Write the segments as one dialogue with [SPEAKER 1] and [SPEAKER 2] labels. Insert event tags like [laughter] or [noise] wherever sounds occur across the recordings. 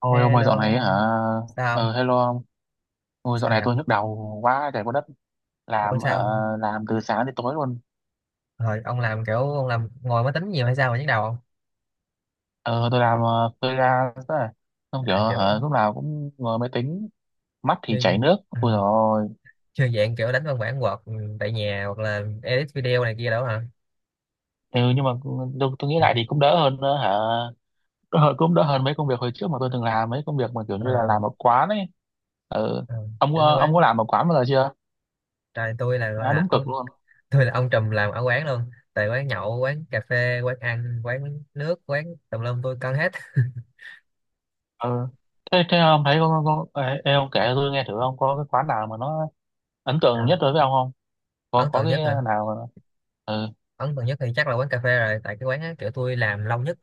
[SPEAKER 1] Ôi ông ơi, dạo này
[SPEAKER 2] Hello,
[SPEAKER 1] hả?
[SPEAKER 2] sao?
[SPEAKER 1] Hello ông. Ôi
[SPEAKER 2] Sao
[SPEAKER 1] dạo này
[SPEAKER 2] vậy?
[SPEAKER 1] tôi nhức đầu quá trời quá đất.
[SPEAKER 2] Ủa
[SPEAKER 1] Làm hả?
[SPEAKER 2] sao?
[SPEAKER 1] Làm từ sáng đến tối luôn.
[SPEAKER 2] Hồi ông làm kiểu ông làm ngồi máy tính nhiều hay sao mà nhức đầu không?
[SPEAKER 1] Ờ tôi làm freelance đấy. Xong kiểu
[SPEAKER 2] À,
[SPEAKER 1] hả,
[SPEAKER 2] kiểu
[SPEAKER 1] lúc nào cũng ngồi máy tính. Mắt thì
[SPEAKER 2] như
[SPEAKER 1] chảy nước.
[SPEAKER 2] à,
[SPEAKER 1] Ôi dồi ôi.
[SPEAKER 2] như dạng kiểu đánh văn bản Word tại nhà hoặc là edit video này kia đó hả?
[SPEAKER 1] Ừ, nhưng mà tôi nghĩ lại thì cũng đỡ hơn cũng đỡ hơn mấy công việc hồi trước mà tôi từng làm. Mấy công việc mà kiểu như là
[SPEAKER 2] À,
[SPEAKER 1] làm ở quán ấy. Ừ.
[SPEAKER 2] à, kiểu như
[SPEAKER 1] Ông có
[SPEAKER 2] quán,
[SPEAKER 1] làm ở quán bao giờ chưa?
[SPEAKER 2] trời tôi là gọi
[SPEAKER 1] À
[SPEAKER 2] là
[SPEAKER 1] đúng, cực
[SPEAKER 2] ông
[SPEAKER 1] luôn.
[SPEAKER 2] [laughs] tôi là ông trùm làm ở quán luôn. Tại quán nhậu, quán cà phê, quán ăn, quán nước, quán tùm lum tôi cân hết. [laughs]
[SPEAKER 1] Ừ. Thế ông thấy ông kể tôi nghe thử ông có cái quán nào mà nó ấn tượng
[SPEAKER 2] À,
[SPEAKER 1] nhất đối với ông không? Có
[SPEAKER 2] ấn
[SPEAKER 1] có
[SPEAKER 2] tượng
[SPEAKER 1] cái
[SPEAKER 2] nhất hả?
[SPEAKER 1] nào mà- Ừ.
[SPEAKER 2] Ấn tượng nhất thì chắc là quán cà phê rồi. Tại cái quán á, kiểu tôi làm lâu nhất,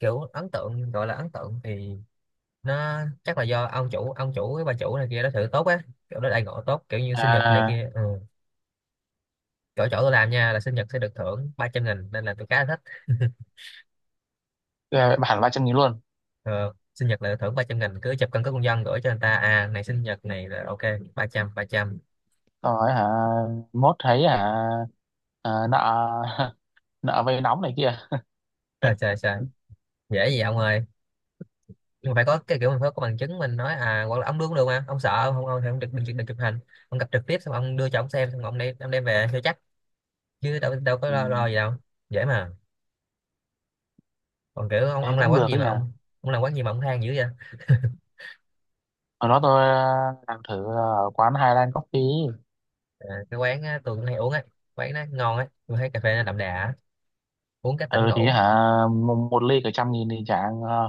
[SPEAKER 2] kiểu ấn tượng gọi là ấn tượng thì nó chắc là do ông chủ với bà chủ này kia đó thử tốt á, kiểu đó đãi ngộ tốt kiểu như sinh nhật này
[SPEAKER 1] À,
[SPEAKER 2] kia, ừ. chỗ chỗ tôi làm nha là sinh nhật sẽ được thưởng 300 nghìn nên là tôi khá là thích.
[SPEAKER 1] cái bản 300.000 luôn?
[SPEAKER 2] Ừ, sinh nhật là được thưởng 300 nghìn, cứ chụp căn cước công dân gửi cho người ta à này sinh nhật này là ok. 300, 300.
[SPEAKER 1] Rồi hả? Mốt thấy hả? À, nợ. [laughs] Nợ vay nóng này kia.
[SPEAKER 2] [laughs] Trời trời trời. Dễ gì ông ơi, nhưng mà phải có cái kiểu mình phải có bằng chứng mình nói, à hoặc là ông đưa cũng được, mà ông sợ ông không, ông thì ông được đừng chụp hình, ông gặp trực tiếp xong ông đưa cho ông xem xong ông đem về cho chắc, chứ đâu đâu có
[SPEAKER 1] Ừ,
[SPEAKER 2] lo, lo gì đâu, dễ mà. Còn kiểu ông
[SPEAKER 1] thế
[SPEAKER 2] ông làm
[SPEAKER 1] cũng
[SPEAKER 2] quán
[SPEAKER 1] được
[SPEAKER 2] gì
[SPEAKER 1] đấy
[SPEAKER 2] mà
[SPEAKER 1] nhỉ.
[SPEAKER 2] ông làm quán gì mà ông than dữ vậy?
[SPEAKER 1] Hồi đó tôi làm thử ở quán Highland Coffee.
[SPEAKER 2] À, cái quán á, tôi cũng hay uống ấy, quán nó ngon ấy, tôi thấy cà phê nó đậm đà á, uống cái tỉnh
[SPEAKER 1] Ừ thì
[SPEAKER 2] ngủ.
[SPEAKER 1] hả, một ly cả 100.000 thì chả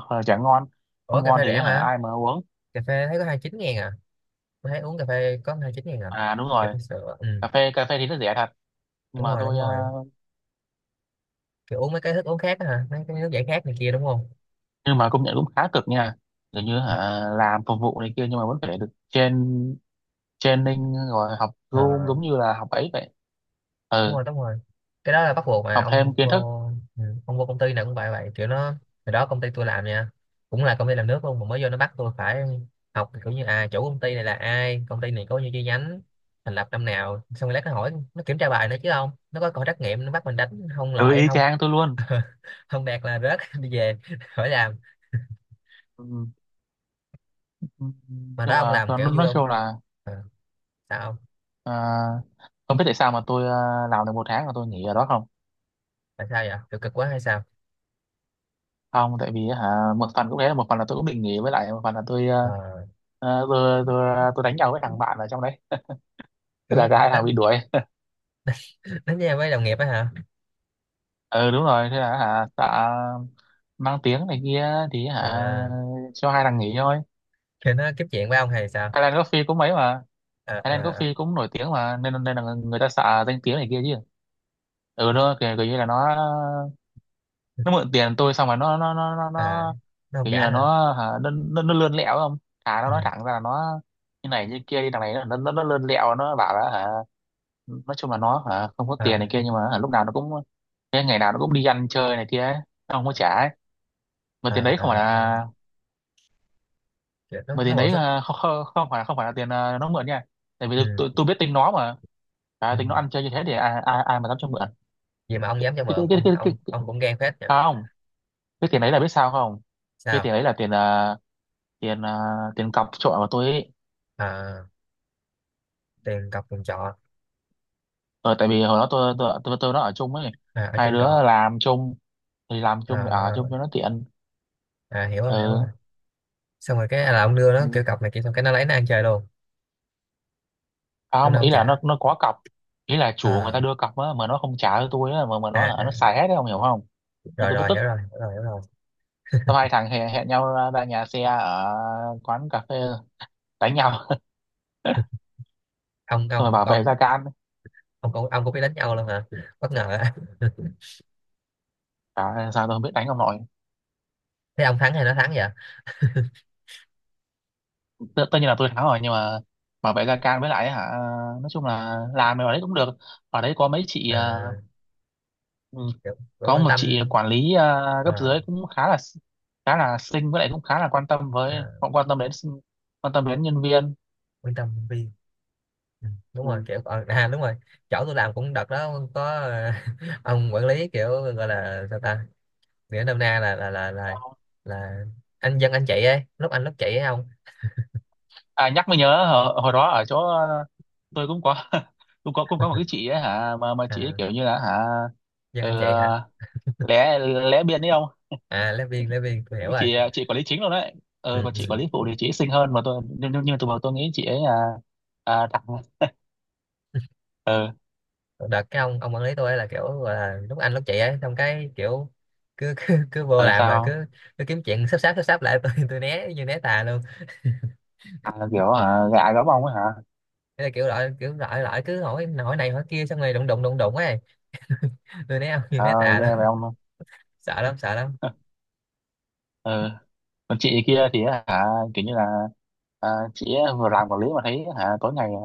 [SPEAKER 1] chả ngon.
[SPEAKER 2] Ủa
[SPEAKER 1] Không
[SPEAKER 2] cà
[SPEAKER 1] ngon
[SPEAKER 2] phê
[SPEAKER 1] thì
[SPEAKER 2] rẻ
[SPEAKER 1] hả
[SPEAKER 2] mà,
[SPEAKER 1] ai mà uống.
[SPEAKER 2] cà phê thấy có 29 ngàn à, tôi thấy uống cà phê có 29 ngàn à,
[SPEAKER 1] À đúng
[SPEAKER 2] cà
[SPEAKER 1] rồi,
[SPEAKER 2] phê sữa. Ừ,
[SPEAKER 1] cà phê thì rất rẻ thật. Nhưng
[SPEAKER 2] đúng
[SPEAKER 1] mà
[SPEAKER 2] rồi đúng
[SPEAKER 1] tôi
[SPEAKER 2] rồi kiểu uống mấy cái thức uống khác á hả, mấy cái nước giải khát này kia đúng không?
[SPEAKER 1] nhưng mà công nhận cũng khá cực nha. Kiểu như hả làm phục vụ này kia, nhưng mà vẫn phải được training, rồi học
[SPEAKER 2] Ờ,
[SPEAKER 1] Zoom giống như là học ấy vậy.
[SPEAKER 2] đúng
[SPEAKER 1] Ừ,
[SPEAKER 2] rồi đúng rồi cái đó là bắt buộc mà
[SPEAKER 1] học
[SPEAKER 2] ông
[SPEAKER 1] thêm kiến
[SPEAKER 2] vô.
[SPEAKER 1] thức.
[SPEAKER 2] Ừ, ông vô công ty nào cũng vậy, vậy kiểu nó, hồi đó công ty tôi làm nha cũng là công ty làm nước luôn, mà mới vô nó bắt tôi phải học kiểu như à chủ công ty này là ai, công ty này có nhiêu chi nhánh, thành lập năm nào, xong rồi lát nó hỏi, nó kiểm tra bài nữa chứ, không nó có coi trắc nghiệm nó bắt mình đánh không,
[SPEAKER 1] Ừ,
[SPEAKER 2] loại
[SPEAKER 1] y
[SPEAKER 2] không.
[SPEAKER 1] chang tôi luôn.
[SPEAKER 2] [laughs] Không đạt là rớt [laughs] đi về, khỏi làm.
[SPEAKER 1] Ừ.
[SPEAKER 2] Mà đó
[SPEAKER 1] Nhưng
[SPEAKER 2] ông
[SPEAKER 1] mà
[SPEAKER 2] làm
[SPEAKER 1] tôi
[SPEAKER 2] kiểu vui
[SPEAKER 1] nói
[SPEAKER 2] không?
[SPEAKER 1] chung là
[SPEAKER 2] Ờ, sao không.
[SPEAKER 1] à, không biết tại sao mà tôi làm được một tháng là tôi nghỉ ở đó. Không,
[SPEAKER 2] Tại sao vậy, kiểu cực quá hay sao?
[SPEAKER 1] không tại vì hả, một phần cũng thế, một phần là tôi cũng định nghỉ, với lại một phần là tôi
[SPEAKER 2] Ờ,
[SPEAKER 1] tôi đánh nhau với thằng bạn ở trong đấy. Thế
[SPEAKER 2] kiểu như
[SPEAKER 1] là cả hai thằng
[SPEAKER 2] đánh,
[SPEAKER 1] bị đuổi.
[SPEAKER 2] đánh nhau với đồng nghiệp á hả?
[SPEAKER 1] Ừ đúng rồi, thế là hả, tạ mang tiếng này kia thì hả
[SPEAKER 2] À,
[SPEAKER 1] cho hai thằng nghỉ thôi.
[SPEAKER 2] thì nó tiếp chuyện với ông hay sao?
[SPEAKER 1] Highland Coffee cũng mấy mà,
[SPEAKER 2] À,
[SPEAKER 1] Highland
[SPEAKER 2] à,
[SPEAKER 1] Coffee cũng nổi tiếng mà, nên nên là người ta xạ danh tiếng này kia chứ. Ừ, nó kiểu như là nó mượn tiền tôi xong rồi nó nó nó nó,
[SPEAKER 2] à,
[SPEAKER 1] nó
[SPEAKER 2] nó không
[SPEAKER 1] kiểu
[SPEAKER 2] giả
[SPEAKER 1] như là
[SPEAKER 2] hả?
[SPEAKER 1] nó hả nó lươn lẹo không. Thà nó
[SPEAKER 2] Ừ.
[SPEAKER 1] nói thẳng ra là nó như này như kia đi. Thằng này nó nó lươn lẹo, nó bảo là hả nói chung là nó hả không có tiền
[SPEAKER 2] À,
[SPEAKER 1] này kia, nhưng mà hả lúc nào nó cũng ngày nào nó cũng đi ăn chơi này kia ấy. Nó không có trả ấy. Mà tiền
[SPEAKER 2] à,
[SPEAKER 1] đấy không phải
[SPEAKER 2] à, à.
[SPEAKER 1] là
[SPEAKER 2] Kiểu
[SPEAKER 1] mà
[SPEAKER 2] nó
[SPEAKER 1] tiền
[SPEAKER 2] bỏ
[SPEAKER 1] đấy
[SPEAKER 2] sức.
[SPEAKER 1] là không phải là tiền nó mượn nha. Tại vì tôi,
[SPEAKER 2] Ừ.
[SPEAKER 1] tôi biết tính nó mà. À,
[SPEAKER 2] Ừ.
[SPEAKER 1] tính nó ăn chơi như thế thì ai ai, ai mà dám cho mượn.
[SPEAKER 2] Vậy mà ông dám cho mượn, ông ông
[SPEAKER 1] Cái,
[SPEAKER 2] ông cũng gan phết nhỉ.
[SPEAKER 1] à, không Cái tiền đấy là biết sao không? Cái
[SPEAKER 2] Sao?
[SPEAKER 1] tiền đấy là tiền à, tiền cọc trọ của tôi ấy.
[SPEAKER 2] À, tiền cọc tiền trọ.
[SPEAKER 1] Ờ, tại vì hồi đó tôi nó ở chung ấy.
[SPEAKER 2] À, ở
[SPEAKER 1] Hai
[SPEAKER 2] chung
[SPEAKER 1] đứa
[SPEAKER 2] trọ.
[SPEAKER 1] làm chung thì ở
[SPEAKER 2] À,
[SPEAKER 1] chung cho nó tiện.
[SPEAKER 2] à, hiểu rồi.
[SPEAKER 1] Ừ.
[SPEAKER 2] Xong rồi cái à, là ông đưa nó
[SPEAKER 1] Ừ.
[SPEAKER 2] kiểu cọc này kia xong cái nó lấy nó ăn chơi luôn,
[SPEAKER 1] À
[SPEAKER 2] xong
[SPEAKER 1] không,
[SPEAKER 2] nó không
[SPEAKER 1] ý là
[SPEAKER 2] trả.
[SPEAKER 1] nó có cọc, ý là chủ người ta
[SPEAKER 2] À,
[SPEAKER 1] đưa cọc á mà nó không trả cho tôi á, mà
[SPEAKER 2] à,
[SPEAKER 1] nó
[SPEAKER 2] à.
[SPEAKER 1] xài hết đấy, không hiểu không. Nên
[SPEAKER 2] Rồi
[SPEAKER 1] tôi mới
[SPEAKER 2] rồi
[SPEAKER 1] tức.
[SPEAKER 2] hiểu rồi.
[SPEAKER 1] Xong hai thằng hẹn nhau ra nhà xe ở quán cà phê đánh nhau,
[SPEAKER 2] ông
[SPEAKER 1] xong rồi
[SPEAKER 2] ông
[SPEAKER 1] bảo vệ
[SPEAKER 2] ông
[SPEAKER 1] Gia Can.
[SPEAKER 2] ông cũng, ông cũng biết đánh nhau luôn hả, bất ngờ [laughs] á.
[SPEAKER 1] Trời ơi, sao tôi không biết đánh ông nội.
[SPEAKER 2] Thế ông thắng hay nó thắng vậy?
[SPEAKER 1] Tất nhiên là tôi thắng rồi, nhưng mà bảo vệ Gia Can với lại hả nói chung là làm ở đấy cũng được. Ở đấy có mấy chị
[SPEAKER 2] À,
[SPEAKER 1] ừ,
[SPEAKER 2] kiểu, kiểu
[SPEAKER 1] có
[SPEAKER 2] quan
[SPEAKER 1] một chị
[SPEAKER 2] tâm.
[SPEAKER 1] quản lý cấp
[SPEAKER 2] Ờ.
[SPEAKER 1] dưới cũng khá là xinh với lại cũng khá là quan tâm với
[SPEAKER 2] À,
[SPEAKER 1] quan tâm đến quan tâm đến nhân viên.
[SPEAKER 2] Wisdom View. Ừ, đúng rồi,
[SPEAKER 1] Ừ.
[SPEAKER 2] kiểu ờ, à đúng rồi, chỗ tôi làm cũng đợt đó có ờ, [laughs] ông quản lý kiểu gọi là sao ta, nghĩa nôm na là anh dân anh chị ấy, lúc anh lúc chị ấy ông.
[SPEAKER 1] À nhắc mới nhớ, hồi đó ở chỗ tôi cũng có [laughs] cũng có một cái chị ấy hả, mà chị ấy
[SPEAKER 2] À,
[SPEAKER 1] kiểu như là hả
[SPEAKER 2] dân anh chị hả.
[SPEAKER 1] ờ, lé, lé biên đấy không.
[SPEAKER 2] À, lớp viên, lớp viên tôi hiểu
[SPEAKER 1] Cái
[SPEAKER 2] rồi.
[SPEAKER 1] chị quản lý chính luôn đấy.
[SPEAKER 2] Ừ.
[SPEAKER 1] Ờ còn chị quản lý phụ thì chị ấy xinh hơn mà tôi nhưng mà tôi bảo tôi nghĩ chị ấy đặc. Ờ.
[SPEAKER 2] Ừ, đợt cái ông quản lý tôi ấy là kiểu gọi là lúc anh lúc chị ấy, xong cái kiểu cứ cứ, cứ vô
[SPEAKER 1] Ờ
[SPEAKER 2] làm là
[SPEAKER 1] sao?
[SPEAKER 2] cứ, cứ kiếm chuyện sắp sáp lại [laughs] tôi né như né tà luôn.
[SPEAKER 1] À, kiểu hả gạ gẫm ông ấy hả?
[SPEAKER 2] Thế là kiểu loại, kiểu loại loại cứ hỏi hỏi này hỏi kia xong rồi đụng đụng đụng đụng ấy, tôi né ông [laughs] như
[SPEAKER 1] Trời
[SPEAKER 2] né
[SPEAKER 1] ơi
[SPEAKER 2] tà
[SPEAKER 1] nghe
[SPEAKER 2] lắm.
[SPEAKER 1] về ông luôn.
[SPEAKER 2] Sợ lắm sợ lắm.
[SPEAKER 1] [laughs] Ờ còn chị kia thì hả kiểu như là à, chị ấy vừa làm quản lý mà thấy hả tối ngày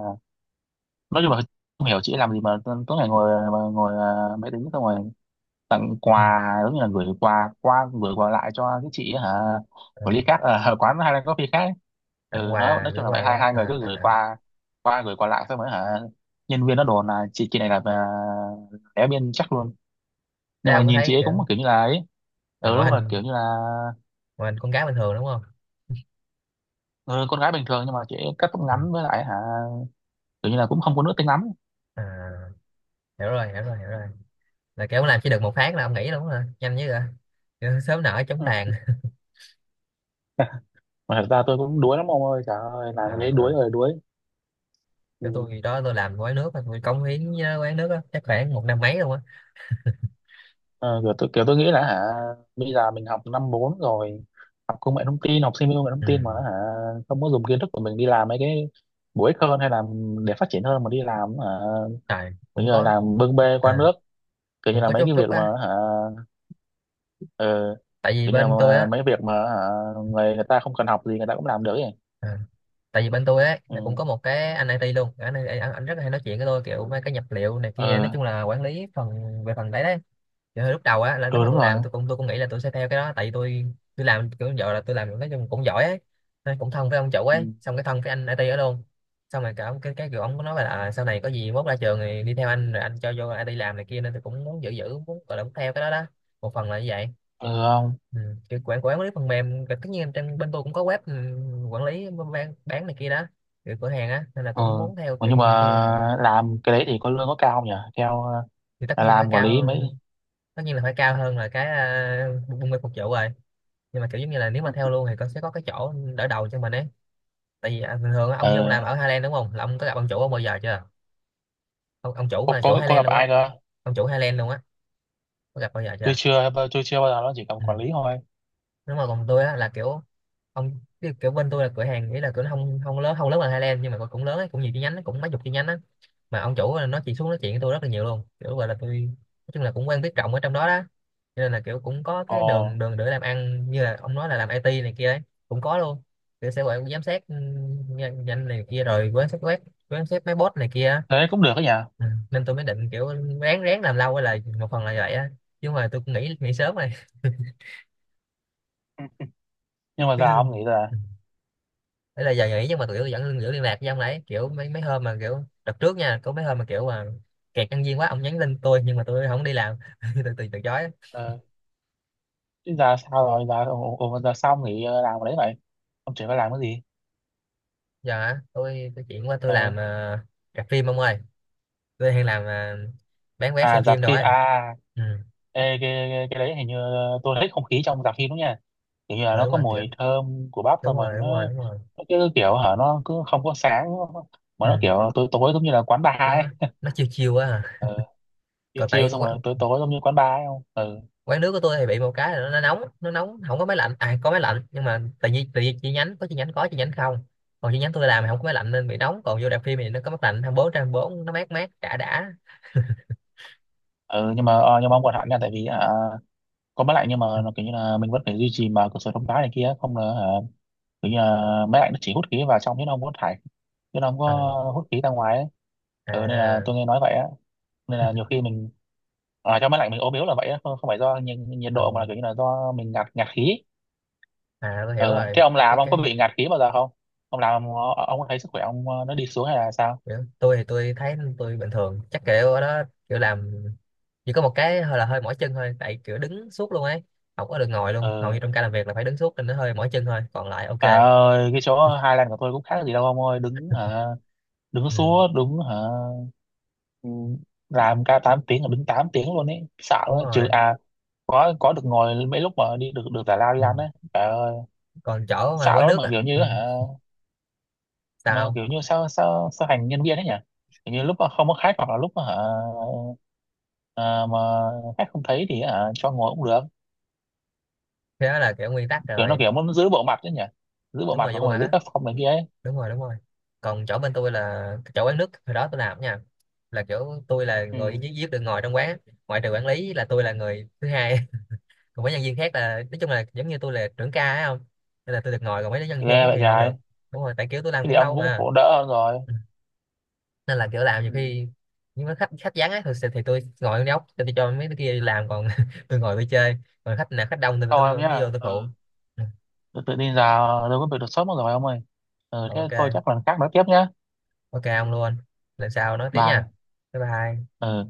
[SPEAKER 1] nói chung là không hiểu chị ấy làm gì mà tối ngày
[SPEAKER 2] Ờ,
[SPEAKER 1] ngồi mà ngồi máy tính xong rồi tặng
[SPEAKER 2] ừ,
[SPEAKER 1] quà giống như là gửi quà qua gửi quà lại cho cái chị ấy hả
[SPEAKER 2] ờ,
[SPEAKER 1] của ly khác ở [laughs] quán Highland Coffee khác ấy.
[SPEAKER 2] tặng
[SPEAKER 1] Ừ,
[SPEAKER 2] quà
[SPEAKER 1] nói
[SPEAKER 2] gửi
[SPEAKER 1] chung là vậy,
[SPEAKER 2] quà
[SPEAKER 1] hai
[SPEAKER 2] quá
[SPEAKER 1] hai người
[SPEAKER 2] à,
[SPEAKER 1] cứ
[SPEAKER 2] à,
[SPEAKER 1] gửi
[SPEAKER 2] à.
[SPEAKER 1] quà qua gửi quà lại xong rồi hả nhân viên nó đồn là chị này là đéo biên chắc luôn.
[SPEAKER 2] Thế
[SPEAKER 1] Nhưng mà
[SPEAKER 2] ông có
[SPEAKER 1] nhìn chị
[SPEAKER 2] thấy
[SPEAKER 1] ấy
[SPEAKER 2] kiểu,
[SPEAKER 1] cũng kiểu như là ấy.
[SPEAKER 2] à,
[SPEAKER 1] Ừ đúng
[SPEAKER 2] ngoại
[SPEAKER 1] rồi, kiểu
[SPEAKER 2] hình,
[SPEAKER 1] như là
[SPEAKER 2] ngoại hình con cá bình thường đúng không?
[SPEAKER 1] ừ, con gái bình thường nhưng mà chị ấy cắt tóc
[SPEAKER 2] Ừ.
[SPEAKER 1] ngắn với lại hả kiểu như là cũng không có nữ tính lắm.
[SPEAKER 2] À, hiểu rồi, là kiểu ông làm chỉ được một phát là ông nghỉ luôn hả, nhanh như vậy, kiểu sớm nở chóng
[SPEAKER 1] Ừ.
[SPEAKER 2] tàn.
[SPEAKER 1] Mà thật ra tôi cũng đuối lắm ông ơi, trời ơi
[SPEAKER 2] À,
[SPEAKER 1] làm cái đấy đuối
[SPEAKER 2] à.
[SPEAKER 1] rồi đuối.
[SPEAKER 2] Kiểu
[SPEAKER 1] Ừ.
[SPEAKER 2] tôi đó, tôi làm quán nước á, tôi cống hiến với quán nước á chắc khoảng một năm mấy luôn á.
[SPEAKER 1] Ờ, kiểu tôi nghĩ là hả bây giờ mình học năm 4 rồi, học công nghệ thông tin, học sinh công nghệ thông
[SPEAKER 2] Ừ.
[SPEAKER 1] tin mà hả không có dùng kiến thức của mình đi làm mấy cái bổ ích hơn, hay là để phát triển hơn, mà đi làm hả
[SPEAKER 2] Trời
[SPEAKER 1] kiểu
[SPEAKER 2] cũng
[SPEAKER 1] như là
[SPEAKER 2] có,
[SPEAKER 1] làm bưng bê qua
[SPEAKER 2] à
[SPEAKER 1] nước, kiểu như
[SPEAKER 2] cũng
[SPEAKER 1] là
[SPEAKER 2] có
[SPEAKER 1] mấy
[SPEAKER 2] chút
[SPEAKER 1] cái
[SPEAKER 2] chút
[SPEAKER 1] việc mà
[SPEAKER 2] á,
[SPEAKER 1] hả ờ,
[SPEAKER 2] tại vì
[SPEAKER 1] kiểu như là
[SPEAKER 2] bên tôi á,
[SPEAKER 1] mấy việc mà hả người người ta không cần học gì người ta cũng làm được ấy.
[SPEAKER 2] à tại vì bên tôi ấy là cũng
[SPEAKER 1] Ừ.
[SPEAKER 2] có một cái anh IT luôn, anh rất là hay nói chuyện với tôi kiểu mấy cái nhập liệu này
[SPEAKER 1] Ừ.
[SPEAKER 2] kia, nói chung là quản lý phần, về phần đấy đấy. Kiểu hồi lúc đầu á là lúc
[SPEAKER 1] Ừ
[SPEAKER 2] mà
[SPEAKER 1] đúng
[SPEAKER 2] tôi
[SPEAKER 1] rồi.
[SPEAKER 2] làm, tôi cũng, tôi cũng nghĩ là tôi sẽ theo cái đó, tại vì tôi làm kiểu giờ là tôi làm nói chung cũng giỏi ấy, nên cũng thân với ông chủ ấy,
[SPEAKER 1] Ừ.
[SPEAKER 2] xong cái thân với anh IT đó luôn. Xong rồi cả ông cái kiểu ông có nói là à, sau này có gì mốt ra trường thì đi theo anh rồi anh cho vô IT làm này kia, nên tôi cũng muốn giữ giữ muốn gọi là muốn theo cái đó đó, một phần là như vậy.
[SPEAKER 1] Ừ không.
[SPEAKER 2] Ừ. Kiểu quản quản lý phần mềm và tất nhiên em trên bên tôi cũng có web, ừ, quản lý bán này kia đó kiểu cửa hàng á, nên là
[SPEAKER 1] Ừ.
[SPEAKER 2] cũng muốn theo,
[SPEAKER 1] Ủa,
[SPEAKER 2] kiểu
[SPEAKER 1] nhưng
[SPEAKER 2] nhiều khi là,
[SPEAKER 1] mà làm cái đấy thì có lương có cao không nhỉ theo
[SPEAKER 2] thì tất nhiên phải
[SPEAKER 1] làm quản lý
[SPEAKER 2] cao.
[SPEAKER 1] mấy.
[SPEAKER 2] Tất nhiên là phải cao hơn là cái buôn mê phục vụ rồi, nhưng mà kiểu giống như là nếu mà theo luôn thì con sẽ có cái chỗ đỡ đầu cho mình ấy. Tại vì à, bình thường á, ông Nhung làm
[SPEAKER 1] Ừ.
[SPEAKER 2] ở Highland đúng không, là ông có gặp ông chủ ông bao giờ chưa, ông, ông chủ
[SPEAKER 1] Cô,
[SPEAKER 2] mà chủ
[SPEAKER 1] có
[SPEAKER 2] Highland
[SPEAKER 1] gặp
[SPEAKER 2] luôn á,
[SPEAKER 1] ai cơ?
[SPEAKER 2] ông chủ Highland luôn á, có gặp bao giờ
[SPEAKER 1] Tôi
[SPEAKER 2] chưa?
[SPEAKER 1] chưa, tôi chưa bao giờ, nó chỉ cầm
[SPEAKER 2] Ừ,
[SPEAKER 1] quản lý thôi.
[SPEAKER 2] đúng rồi, còn tôi á là kiểu ông, kiểu kiểu bên tôi là cửa hàng, nghĩa là cửa nó không, không lớn, không lớn bằng Highland nhưng mà cũng lớn ấy, cũng nhiều chi nhánh ấy, cũng mấy chục chi nhánh á. Mà ông chủ nó chỉ xuống nói chuyện với tôi rất là nhiều luôn, kiểu gọi là tôi nói chung là cũng quen biết rộng ở trong đó đó, cho nên là kiểu cũng có cái đường
[SPEAKER 1] Ồ,
[SPEAKER 2] đường để làm ăn, như là ông nói là làm IT này kia đấy, cũng có luôn, kiểu sẽ gọi giám sát, ừ, nhanh nhanh này kia rồi quan sát quét, quan sát máy bot này kia.
[SPEAKER 1] thế cũng được đó nhỉ.
[SPEAKER 2] Ừ, nên tôi mới định kiểu ráng ráng làm lâu là một phần là vậy á, chứ mà tôi cũng nghĩ nghĩ sớm rồi.
[SPEAKER 1] Ừ. Nhưng
[SPEAKER 2] [laughs]
[SPEAKER 1] mà giờ ông
[SPEAKER 2] Chứ.
[SPEAKER 1] nghĩ là
[SPEAKER 2] Đấy là giờ nghỉ nhưng mà tụi tôi vẫn giữ liên lạc với ông đấy, kiểu mấy mấy hôm mà kiểu đợt trước nha có mấy hôm mà kiểu mà kẹt nhân viên quá ông nhắn tin tôi nhưng mà tôi không đi làm, [laughs] tôi từ từ chối.
[SPEAKER 1] ờ, chứ giờ sao rồi, giờ ồ, ồ, giờ sao ông nghĩ làm cái đấy vậy? Ông chỉ phải làm cái gì?
[SPEAKER 2] Giờ hả, tôi chuyển qua tôi
[SPEAKER 1] Ờ,
[SPEAKER 2] làm ờ, rạp phim ông ơi, tôi đang làm ờ, bán vé xem
[SPEAKER 1] à dạp
[SPEAKER 2] phim rồi.
[SPEAKER 1] phim à.
[SPEAKER 2] Ừ,
[SPEAKER 1] Ê, cái đấy hình như tôi thích không khí trong dạp phim đúng nha. Kiểu như là
[SPEAKER 2] rồi
[SPEAKER 1] nó
[SPEAKER 2] đúng
[SPEAKER 1] có
[SPEAKER 2] rồi kiểu,
[SPEAKER 1] mùi thơm của bắp
[SPEAKER 2] đúng
[SPEAKER 1] xong rồi
[SPEAKER 2] rồi đúng
[SPEAKER 1] nó
[SPEAKER 2] rồi đúng rồi
[SPEAKER 1] nó cứ kiểu hả nó cứ không có sáng mà
[SPEAKER 2] Ừ.
[SPEAKER 1] nó kiểu tối tối giống như là quán bar
[SPEAKER 2] nó
[SPEAKER 1] ấy.
[SPEAKER 2] nó chiêu chiêu quá à.
[SPEAKER 1] Ờ, chiều
[SPEAKER 2] Còn
[SPEAKER 1] chiều
[SPEAKER 2] tại
[SPEAKER 1] xong rồi tối tối giống như quán bar ấy không? Ừ.
[SPEAKER 2] quán nước của tôi thì bị một cái là nó nóng, nó nóng, không có máy lạnh, à có máy lạnh nhưng mà tại vì, tại vì chi nhánh có, chi nhánh có chi nhánh không, còn chi nhánh tôi làm thì không có máy lạnh nên bị nóng, còn vô rạp phim thì nó có máy lạnh hai mươi bốn, trên bốn nó mát mát đã đã.
[SPEAKER 1] Ừ, nhưng mà nhưng mà ông còn hạn nha, tại vì có máy lạnh nhưng mà nó kiểu như là mình vẫn phải duy trì mà cửa sổ thông thoáng này kia, không là hả kiểu như là máy lạnh nó chỉ hút khí vào trong chứ nó không có thải chứ nó không
[SPEAKER 2] Ờ,
[SPEAKER 1] có hút khí ra ngoài ấy. Ừ, nên là
[SPEAKER 2] à.
[SPEAKER 1] tôi nghe nói vậy á, nên là nhiều
[SPEAKER 2] [laughs]
[SPEAKER 1] khi mình ở trong máy lạnh mình ốm yếu là vậy á, không phải do nhiệt
[SPEAKER 2] Ờ,
[SPEAKER 1] độ mà là kiểu như là do mình ngạt ngạt khí.
[SPEAKER 2] à tôi hiểu
[SPEAKER 1] Ừ.
[SPEAKER 2] rồi.
[SPEAKER 1] Thế ông
[SPEAKER 2] cái
[SPEAKER 1] làm ông có
[SPEAKER 2] cái
[SPEAKER 1] bị ngạt khí bao giờ không? Ông có thấy sức khỏe ông nó đi xuống hay là sao.
[SPEAKER 2] kiểu, tôi thì tôi thấy tôi bình thường, chắc kiểu ở đó kiểu làm chỉ có một cái hơi là hơi mỏi chân thôi, tại kiểu đứng suốt luôn ấy, không có được ngồi luôn, hầu như
[SPEAKER 1] Ừ.
[SPEAKER 2] trong ca làm việc là phải đứng suốt nên nó hơi mỏi chân thôi, còn lại ok.
[SPEAKER 1] Trời ơi cái chỗ Highland của tôi cũng khác gì đâu ông ơi, đứng hả, đứng
[SPEAKER 2] Ừ,
[SPEAKER 1] suốt, đứng hả. Ừ, làm ca 8 tiếng, ở đứng 8 tiếng luôn ấy, sợ
[SPEAKER 2] đúng
[SPEAKER 1] quá trừ
[SPEAKER 2] rồi.
[SPEAKER 1] à. Có được ngồi mấy lúc mà đi được được giải lao đi
[SPEAKER 2] Ừ,
[SPEAKER 1] ăn đấy. Trời ơi
[SPEAKER 2] còn chỗ mà
[SPEAKER 1] sợ
[SPEAKER 2] quán
[SPEAKER 1] lắm,
[SPEAKER 2] nước
[SPEAKER 1] mà
[SPEAKER 2] à.
[SPEAKER 1] kiểu
[SPEAKER 2] Ừ.
[SPEAKER 1] như hả mà
[SPEAKER 2] Sao?
[SPEAKER 1] kiểu như sao sao sao hành nhân viên ấy nhỉ, kiểu như lúc mà không có khách hoặc là lúc mà hả à, mà khách không thấy thì hả cho ngồi cũng được.
[SPEAKER 2] Thế đó là kiểu nguyên tắc
[SPEAKER 1] Kiểu nó
[SPEAKER 2] rồi,
[SPEAKER 1] kiểu muốn giữ bộ mặt đấy nhỉ, giữ bộ
[SPEAKER 2] đúng
[SPEAKER 1] mặt
[SPEAKER 2] rồi,
[SPEAKER 1] mà
[SPEAKER 2] vô bề
[SPEAKER 1] không
[SPEAKER 2] mặt
[SPEAKER 1] phải giữ
[SPEAKER 2] á,
[SPEAKER 1] tác phong này kia ấy.
[SPEAKER 2] đúng rồi. Còn chỗ bên tôi là chỗ quán nước hồi đó tôi làm nha, là kiểu tôi là
[SPEAKER 1] Ừ.
[SPEAKER 2] người duy duy nhất được ngồi trong quán, ngoại trừ quản lý là tôi là người thứ hai. [laughs] Còn mấy nhân viên khác là nói chung là giống như tôi là trưởng ca ấy không, nên là tôi được ngồi, còn mấy nhân viên
[SPEAKER 1] Ghê
[SPEAKER 2] khác
[SPEAKER 1] vậy
[SPEAKER 2] thì không
[SPEAKER 1] trời.
[SPEAKER 2] được. Đúng rồi, tại kiểu tôi làm
[SPEAKER 1] Thế thì
[SPEAKER 2] cũng
[SPEAKER 1] ông
[SPEAKER 2] lâu
[SPEAKER 1] cũng
[SPEAKER 2] mà.
[SPEAKER 1] khổ đỡ hơn rồi.
[SPEAKER 2] Ừ. Nên là kiểu làm nhiều
[SPEAKER 1] Ừ.
[SPEAKER 2] khi, nhưng mà khách, khách vắng á thì tôi ngồi trong góc, tôi cho mấy đứa kia đi làm, còn [laughs] tôi ngồi tôi chơi. Còn khách nào, khách đông thì
[SPEAKER 1] Thôi ông
[SPEAKER 2] tôi mới
[SPEAKER 1] nhá.
[SPEAKER 2] vô tôi
[SPEAKER 1] Ừ.
[SPEAKER 2] phụ. Ừ.
[SPEAKER 1] tự Tự tin giờ đâu có việc đột xuất mất rồi ông ơi. Ừ thế thôi,
[SPEAKER 2] Ok,
[SPEAKER 1] chắc lần khác nói tiếp nhá.
[SPEAKER 2] ok ông luôn, lần sau nói tiếp nha.
[SPEAKER 1] Bye.
[SPEAKER 2] Bye bye.
[SPEAKER 1] Ờ.